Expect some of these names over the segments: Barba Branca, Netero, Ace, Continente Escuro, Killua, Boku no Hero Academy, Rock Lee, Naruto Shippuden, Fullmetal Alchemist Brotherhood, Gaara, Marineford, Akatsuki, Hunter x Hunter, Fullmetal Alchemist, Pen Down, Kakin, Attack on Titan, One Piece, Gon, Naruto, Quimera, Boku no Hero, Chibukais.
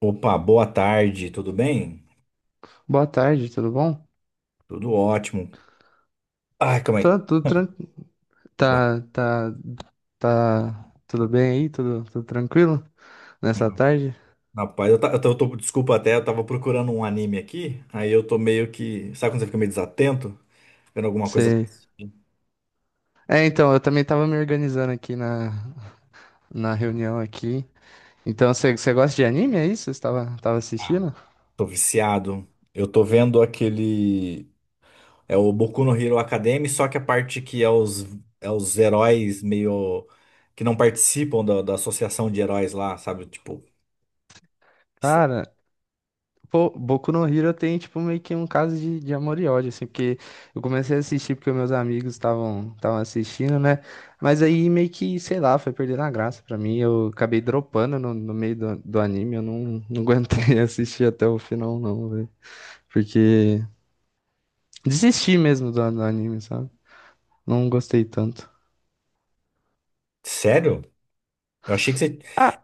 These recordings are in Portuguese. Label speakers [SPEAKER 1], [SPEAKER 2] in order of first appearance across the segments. [SPEAKER 1] Opa, boa tarde, tudo bem?
[SPEAKER 2] Boa tarde, tudo bom?
[SPEAKER 1] Tudo ótimo. Ai, calma
[SPEAKER 2] Tá
[SPEAKER 1] aí.
[SPEAKER 2] tudo tranquilo.
[SPEAKER 1] Boa-
[SPEAKER 2] Tá, tá, tá tudo bem aí? Tudo tranquilo nessa tarde?
[SPEAKER 1] Rapaz, eu, ta- eu tô- desculpa até, eu tava procurando um anime aqui, aí eu tô meio que. Sabe quando você fica meio desatento? Vendo alguma coisa,
[SPEAKER 2] Sei. Eu também tava me organizando na reunião aqui. Então, você gosta de anime, é isso? Você tava assistindo?
[SPEAKER 1] tô viciado. Eu tô vendo aquele. É o Boku no Hero Academy, só que a parte que é os heróis meio. Que não participam da associação de heróis lá, sabe? Tipo. sé-
[SPEAKER 2] Cara, pô, Boku no Hero tem, tipo, meio que um caso de amor e ódio, assim, porque eu comecei a assistir porque meus amigos estavam assistindo, né? Mas aí meio que, sei lá, foi perdendo a graça pra mim. Eu acabei dropando no meio do anime, eu não aguentei assistir até o final, não, velho. Porque desisti mesmo do anime, sabe? Não gostei tanto.
[SPEAKER 1] Sério? Eu achei que você.
[SPEAKER 2] Ah,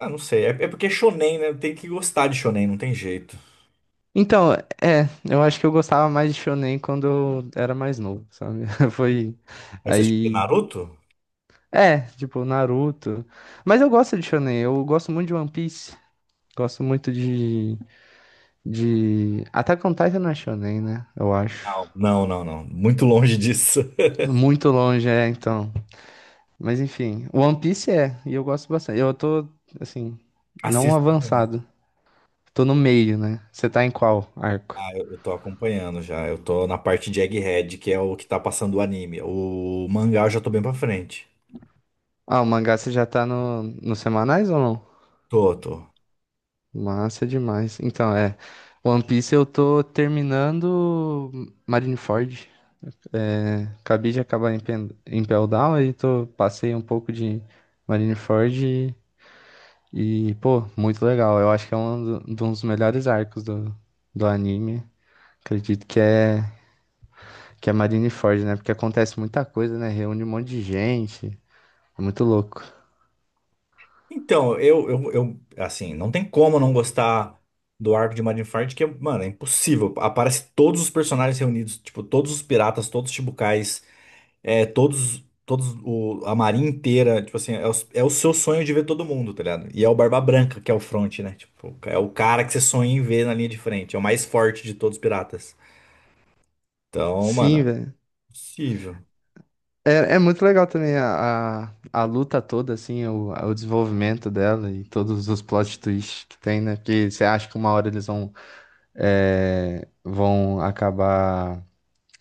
[SPEAKER 1] Ah, não sei. É porque é shonen, né? Tem que gostar de shonen, não tem jeito.
[SPEAKER 2] então, é, eu acho que eu gostava mais de Shonen quando eu era mais novo, sabe? Foi.
[SPEAKER 1] Aí você assistiu
[SPEAKER 2] Aí
[SPEAKER 1] Naruto?
[SPEAKER 2] é, tipo, Naruto. Mas eu gosto de shonen, eu gosto muito de One Piece. Gosto muito de... Attack on Titan não é shonen, né? Eu acho.
[SPEAKER 1] Não, não, não, não. Muito longe disso.
[SPEAKER 2] Muito longe, é, então. Mas enfim, One Piece é, e eu gosto bastante. Eu tô, assim, não
[SPEAKER 1] Assisto também.
[SPEAKER 2] avançado. Tô no meio, né? Você tá em qual arco?
[SPEAKER 1] Ah, eu tô acompanhando já. Eu tô na parte de Egghead, que é o que tá passando o anime. O mangá eu já tô bem pra frente.
[SPEAKER 2] Ah, o mangá você já tá nos semanais ou não?
[SPEAKER 1] Tô, tô.
[SPEAKER 2] Massa demais. Então, é. One Piece eu tô terminando Marineford. É, acabei de acabar em, Pen em Pell Down, aí tô, passei um pouco de Marineford e, pô, muito legal. Eu acho que é um, de um dos melhores arcos do anime. Acredito que é Marineford, né? Porque acontece muita coisa, né? Reúne um monte de gente. É muito louco.
[SPEAKER 1] Então, eu, assim, não tem como não gostar do arco de Marineford, que, mano, é impossível. Aparece todos os personagens reunidos, tipo, todos os piratas, todos os Chibukais. É, todos, todos, a marinha inteira, tipo assim, é o seu sonho de ver todo mundo, tá ligado? E é o Barba Branca que é o front, né? Tipo, é o cara que você sonha em ver na linha de frente, é o mais forte de todos os piratas. Então, mano, é
[SPEAKER 2] Sim, velho.
[SPEAKER 1] possível.
[SPEAKER 2] É, é muito legal também a luta toda, assim, o desenvolvimento dela e todos os plot twists que tem, né? Porque você acha que uma hora eles vão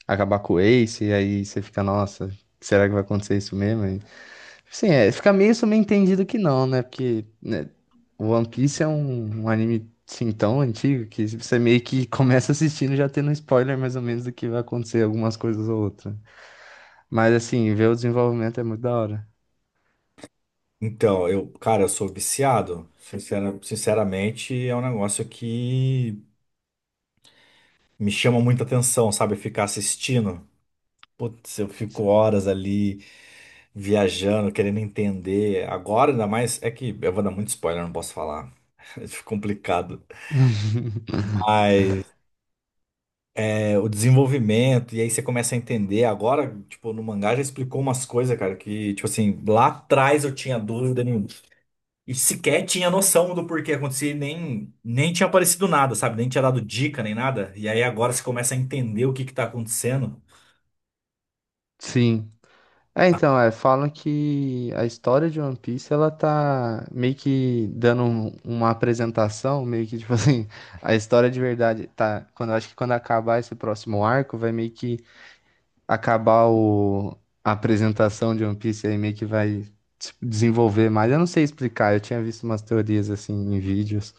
[SPEAKER 2] acabar com o Ace, e aí você fica, nossa, será que vai acontecer isso mesmo? E, assim, é, fica meio subentendido que não, né? Porque né, o One Piece é um, um anime assim, tão antigo que você meio que começa assistindo já tendo um spoiler mais ou menos do que vai acontecer algumas coisas ou outras. Mas assim, ver o desenvolvimento é muito da hora.
[SPEAKER 1] Então, eu, cara, eu sou viciado. Sinceramente, é um negócio que me chama muita atenção, sabe? Ficar assistindo. Putz, eu fico horas ali, viajando, querendo entender. Agora, ainda mais, é que eu vou dar muito spoiler, não posso falar. É complicado. Mas é, o desenvolvimento, e aí você começa a entender. Agora, tipo, no mangá já explicou umas coisas, cara, que, tipo assim, lá atrás eu tinha dúvida nenhuma. E sequer tinha noção do porquê acontecer, e nem tinha aparecido nada, sabe? Nem tinha dado dica, nem nada. E aí agora você começa a entender o que que tá acontecendo.
[SPEAKER 2] Sim. É, então, é, falam que a história de One Piece, ela tá meio que dando uma apresentação, meio que, tipo assim, a história de verdade tá, quando, acho que quando acabar esse próximo arco, vai meio que acabar o, a apresentação de One Piece, aí meio que vai se desenvolver mais, eu não sei explicar, eu tinha visto umas teorias, assim, em vídeos,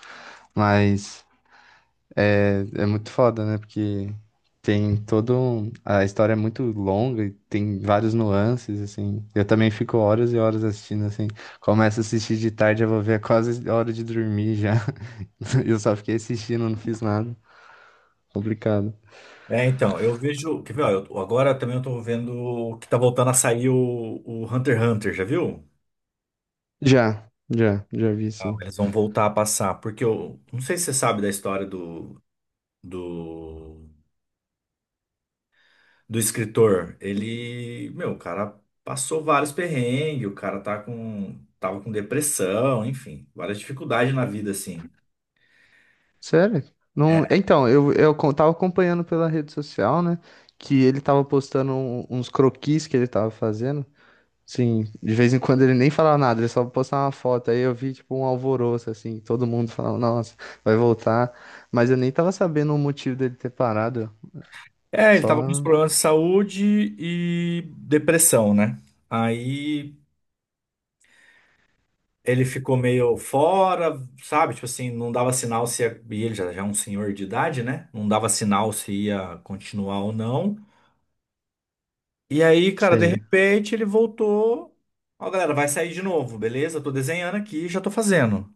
[SPEAKER 2] mas... É, é muito foda, né? Porque tem todo um... A história é muito longa e tem vários nuances, assim. Eu também fico horas e horas assistindo, assim. Começo a assistir de tarde, eu vou ver é quase hora de dormir já. Eu só fiquei assistindo, não fiz nada. Complicado.
[SPEAKER 1] É, então, eu vejo. Quer ver, ó, agora também eu tô vendo que tá voltando a sair o Hunter x Hunter, já viu?
[SPEAKER 2] Já vi,
[SPEAKER 1] Ah,
[SPEAKER 2] sim.
[SPEAKER 1] eles vão voltar a passar, porque eu não sei se você sabe da história do, do escritor. Ele, meu, o cara passou vários perrengues, o cara tava com depressão, enfim, várias dificuldades na vida, assim.
[SPEAKER 2] Sério? Não... Então, eu tava acompanhando pela rede social, né? Que ele tava postando uns croquis que ele tava fazendo. Sim, de vez em quando ele nem falava nada, ele só postava uma foto. Aí eu vi, tipo, um alvoroço, assim, todo mundo falando, nossa, vai voltar. Mas eu nem tava sabendo o motivo dele ter parado.
[SPEAKER 1] É, ele
[SPEAKER 2] Só,
[SPEAKER 1] tava com uns problemas de saúde e depressão, né? Aí ele ficou meio fora, sabe? Tipo assim, não dava sinal se ia... E ele já é um senhor de idade, né? Não dava sinal se ia continuar ou não. E aí, cara, de
[SPEAKER 2] sei.
[SPEAKER 1] repente ele voltou. Ó, galera, vai sair de novo, beleza? Tô desenhando aqui, já tô fazendo.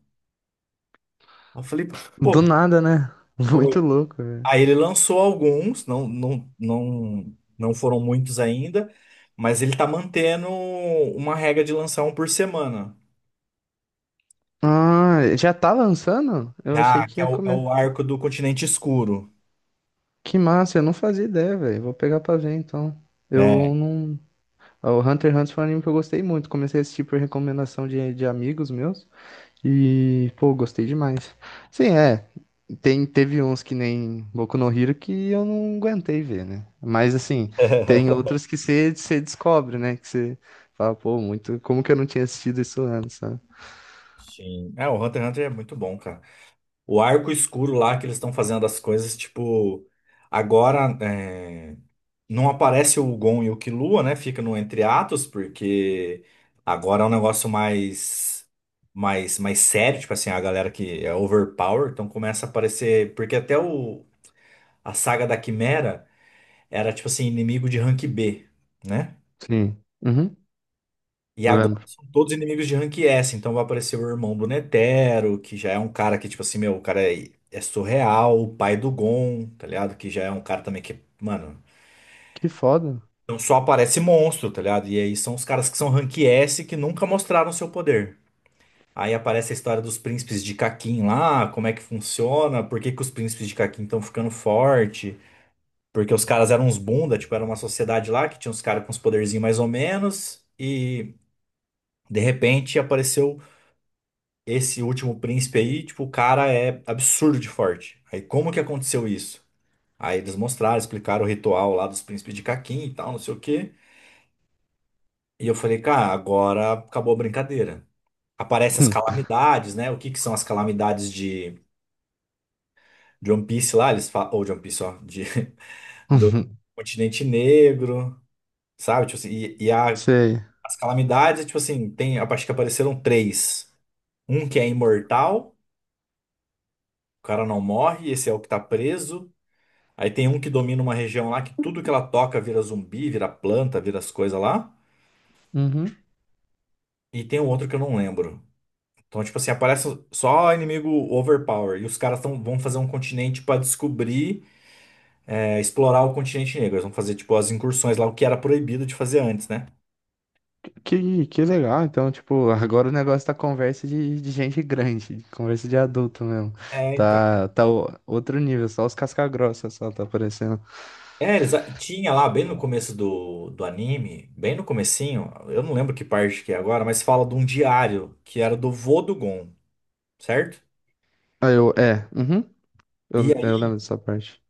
[SPEAKER 1] Aí eu falei, pô,
[SPEAKER 2] Do nada, né? Muito
[SPEAKER 1] foi.
[SPEAKER 2] louco, velho.
[SPEAKER 1] Aí ele lançou alguns, não, não, não, não foram muitos ainda, mas ele tá mantendo uma regra de lançar um por semana,
[SPEAKER 2] Ah, já tá lançando? Eu achei
[SPEAKER 1] já que
[SPEAKER 2] que
[SPEAKER 1] é
[SPEAKER 2] ia
[SPEAKER 1] o, é
[SPEAKER 2] comer.
[SPEAKER 1] o arco do Continente Escuro,
[SPEAKER 2] Que massa, eu não fazia ideia, velho. Vou pegar pra ver, então. Eu
[SPEAKER 1] né?
[SPEAKER 2] não. O Hunter x Hunter foi um anime que eu gostei muito. Comecei a assistir por recomendação de amigos meus. E, pô, gostei demais. Sim, é. Tem, teve uns que nem Boku no Hero que eu não aguentei ver, né? Mas, assim, tem outros que você descobre, né? Que você fala, pô, muito. Como que eu não tinha assistido isso antes, sabe?
[SPEAKER 1] Sim. É, o Hunter x Hunter é muito bom, cara. O arco escuro lá que eles estão fazendo as coisas, tipo, agora. É, não aparece o Gon e o Killua, né? Fica no entre atos, porque agora é um negócio mais sério, tipo assim, a galera que é overpower, então começa a aparecer, porque a saga da Quimera era tipo assim, inimigo de rank B, né?
[SPEAKER 2] Sim. Uhum.
[SPEAKER 1] E
[SPEAKER 2] Eu
[SPEAKER 1] agora
[SPEAKER 2] lembro.
[SPEAKER 1] são todos inimigos de rank S, então vai aparecer o irmão do Netero, que já é um cara que, tipo assim, meu, o cara é surreal, o pai do Gon, tá ligado? Que já é um cara também que, mano.
[SPEAKER 2] Que foda.
[SPEAKER 1] Então só aparece monstro, tá ligado? E aí são os caras que são rank S que nunca mostraram seu poder. Aí aparece a história dos príncipes de Kakin lá, como é que funciona, por que que os príncipes de Kakin estão ficando forte, porque os caras eram uns bunda, tipo, era uma sociedade lá que tinha uns caras com uns poderzinhos mais ou menos, e de repente apareceu esse último príncipe aí, tipo, o cara é absurdo de forte. Aí como que aconteceu isso? Aí eles mostraram, explicaram o ritual lá dos príncipes de Kakin e tal, não sei o quê. E eu falei, cara, agora acabou a brincadeira. Aparecem as
[SPEAKER 2] Hum.
[SPEAKER 1] calamidades, né? O que que são as calamidades de One Piece lá? Eles falam, ou de One Piece, ó, do continente negro, sabe? Tipo assim, e
[SPEAKER 2] Sei.
[SPEAKER 1] as calamidades, tipo assim, tem, acho que apareceram três. Um que é imortal, o cara não morre, esse é o que tá preso. Aí tem um que domina uma região lá que tudo que ela toca vira zumbi, vira planta, vira as coisas lá.
[SPEAKER 2] Uhum.
[SPEAKER 1] E tem um outro que eu não lembro. Então, tipo assim, aparece só inimigo overpower. E os caras vão fazer um continente pra descobrir, é, explorar o continente negro. Eles vão fazer, tipo, as incursões lá, o que era proibido de fazer antes, né?
[SPEAKER 2] Que legal. Então, tipo, agora o negócio tá conversa de gente grande, conversa de adulto mesmo.
[SPEAKER 1] É, então.
[SPEAKER 2] Tá outro nível, só os casca-grossa só tá aparecendo.
[SPEAKER 1] É, eles tinha lá, bem no começo do anime, bem no comecinho, eu não lembro que parte que é agora, mas fala de um diário que era do vô do Gon, certo?
[SPEAKER 2] Ah, eu, é, uhum,
[SPEAKER 1] E
[SPEAKER 2] eu lembro
[SPEAKER 1] aí
[SPEAKER 2] dessa parte.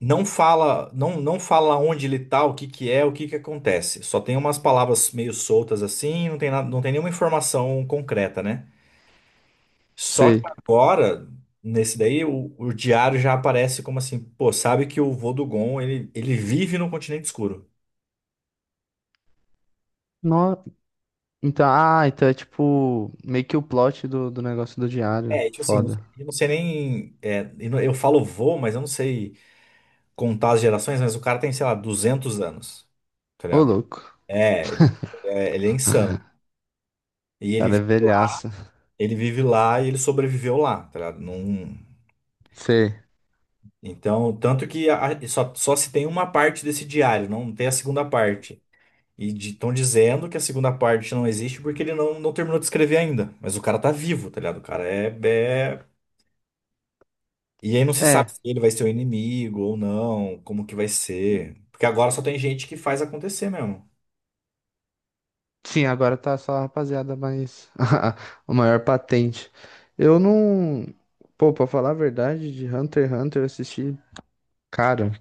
[SPEAKER 1] não fala, não, não fala onde ele tá, o que que é, o que que acontece. Só tem umas palavras meio soltas assim, não tem nada, não tem nenhuma informação concreta, né? Só que
[SPEAKER 2] Sei.
[SPEAKER 1] agora, nesse daí, o diário já aparece como assim, pô, sabe que o vô do Gon, ele vive no continente escuro.
[SPEAKER 2] No... Então, ah, então é tipo meio que o plot do negócio do diário.
[SPEAKER 1] É, tipo assim,
[SPEAKER 2] Foda.
[SPEAKER 1] eu não sei nem, é, eu não- eu falo vô, mas eu não sei contar as gerações, mas o cara tem, sei lá, 200 anos, tá
[SPEAKER 2] Ô,
[SPEAKER 1] ligado?
[SPEAKER 2] louco. O
[SPEAKER 1] É, ele, é, ele é insano. E ele,
[SPEAKER 2] cara, é
[SPEAKER 1] vi-
[SPEAKER 2] velhaça.
[SPEAKER 1] ele vive lá e ele sobreviveu lá, tá ligado? Não-
[SPEAKER 2] Sei.
[SPEAKER 1] então, tanto que só se tem uma parte desse diário, não tem a segunda parte. E estão dizendo que a segunda parte não existe porque ele não, não terminou de escrever ainda. Mas o cara tá vivo, tá ligado? O cara é. E aí não se sabe
[SPEAKER 2] É,
[SPEAKER 1] se ele vai ser o inimigo ou não, como que vai ser. Porque agora só tem gente que faz acontecer mesmo.
[SPEAKER 2] sim, agora tá só a rapaziada, mas o maior patente. Eu não. Pô, pra falar a verdade, de Hunter x Hunter eu assisti, cara,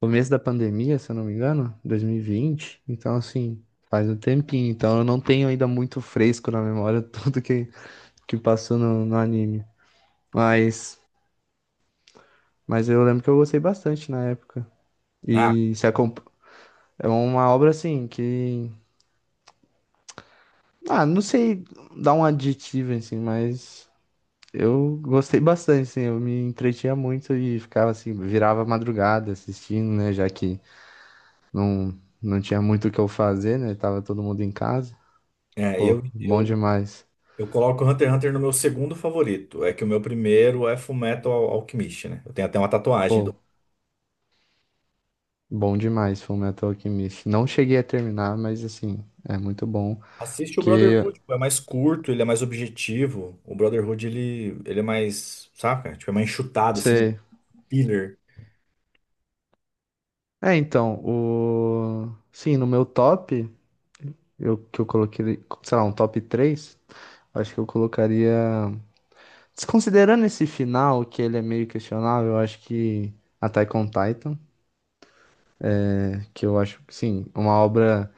[SPEAKER 2] começo da pandemia, se eu não me engano, 2020. Então, assim, faz um tempinho. Então eu não tenho ainda muito fresco na memória tudo que passou no anime. Mas, mas eu lembro que eu gostei bastante na época.
[SPEAKER 1] Ah,
[SPEAKER 2] E se acompa- é uma obra assim que. Ah, não sei dar um adjetivo assim, mas eu gostei bastante, assim, eu me entretinha muito e ficava assim, virava madrugada assistindo, né? Já que não, não tinha muito o que eu fazer, né? Tava todo mundo em casa.
[SPEAKER 1] é,
[SPEAKER 2] Pô,
[SPEAKER 1] eu,
[SPEAKER 2] bom
[SPEAKER 1] eu,
[SPEAKER 2] demais.
[SPEAKER 1] eu coloco o Hunter x Hunter no meu segundo favorito. É que o meu primeiro é Fullmetal Alchemist, né? Eu tenho até uma tatuagem do.
[SPEAKER 2] Pô, bom demais, Fullmetal Alchemist. Não cheguei a terminar, mas assim, é muito bom.
[SPEAKER 1] Assiste o
[SPEAKER 2] Que
[SPEAKER 1] Brotherhood, pô, é mais curto, ele é mais objetivo. O Brotherhood, ele é mais, saca? Tipo, é mais enxutado, assim, um
[SPEAKER 2] você
[SPEAKER 1] filler.
[SPEAKER 2] é, então, o... Sim, no meu top, eu, que eu coloquei, sei lá, um top 3 acho que eu colocaria... Desconsiderando esse final, que ele é meio questionável, eu acho que Attack on Titan, né, que eu acho, sim, uma obra...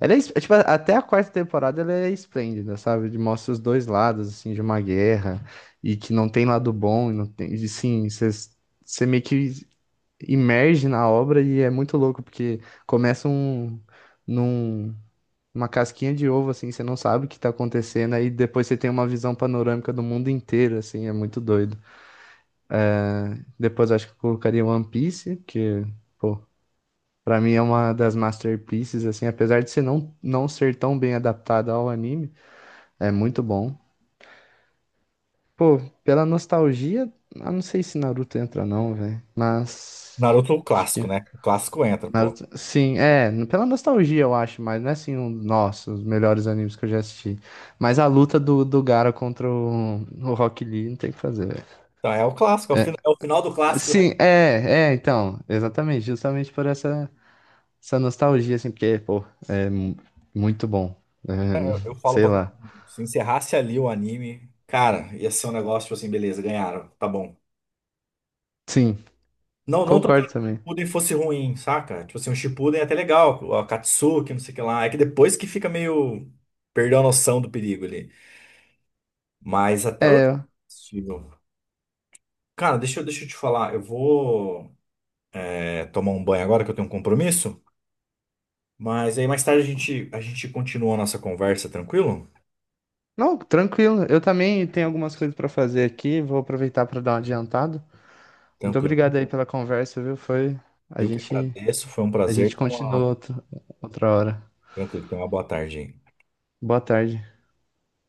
[SPEAKER 2] Ela é, es- é, tipo, até a 4ª temporada ela é esplêndida, sabe? De mostra os dois lados, assim, de uma guerra, e que não tem lado bom, e não tem... E, sim, você meio que imerge na obra e é muito louco, porque começa um, num, uma casquinha de ovo, assim, você não sabe o que tá acontecendo, aí depois você tem uma visão panorâmica do mundo inteiro, assim, é muito doido. Depois eu acho que eu colocaria One Piece, que, pô, pra mim é uma das masterpieces, assim, apesar de ser não ser tão bem adaptada ao anime, é muito bom. Pô, pela nostalgia, eu não sei se Naruto entra não, velho, mas...
[SPEAKER 1] Naruto é o
[SPEAKER 2] acho que
[SPEAKER 1] clássico, né? O clássico entra, pô.
[SPEAKER 2] Naruto- sim, é, pela nostalgia eu acho, mas não é assim um, nossa, os melhores animes que eu já assisti. Mas a luta do Gaara contra o Rock Lee não tem o que fazer, velho.
[SPEAKER 1] Então é o clássico,
[SPEAKER 2] É,
[SPEAKER 1] é o final do clássico, né?
[SPEAKER 2] sim, é, é, então, exatamente, justamente por essa, essa nostalgia, assim, porque, pô, muito bom. É,
[SPEAKER 1] É, eu falo
[SPEAKER 2] sei
[SPEAKER 1] pra todo
[SPEAKER 2] lá.
[SPEAKER 1] mundo, se encerrasse ali o anime, cara, ia ser um negócio, tipo assim, beleza, ganharam, tá bom.
[SPEAKER 2] Sim,
[SPEAKER 1] Não, não tô dizendo
[SPEAKER 2] concordo
[SPEAKER 1] que o
[SPEAKER 2] também.
[SPEAKER 1] Shippuden fosse ruim, saca? Tipo assim, o Shippuden é até legal, o Akatsuki, não sei o que lá. É que depois que fica meio... Perdeu a noção do perigo ali. Mas até o...
[SPEAKER 2] É,
[SPEAKER 1] Possível. Cara, deixa eu te falar, eu vou é, tomar um banho agora que eu tenho um compromisso, mas aí mais tarde a gente continua a nossa conversa, tranquilo?
[SPEAKER 2] não, tranquilo, eu também tenho algumas coisas pra fazer aqui, vou aproveitar pra dar um adiantado. Muito
[SPEAKER 1] Tranquilo.
[SPEAKER 2] obrigado aí pela conversa, viu? Foi, a
[SPEAKER 1] Eu que
[SPEAKER 2] gente
[SPEAKER 1] agradeço, foi um
[SPEAKER 2] a
[SPEAKER 1] prazer.
[SPEAKER 2] gente
[SPEAKER 1] Então, uma...
[SPEAKER 2] continua outra outra hora.
[SPEAKER 1] Tranquilo, tenha uma boa tarde aí.
[SPEAKER 2] Boa tarde.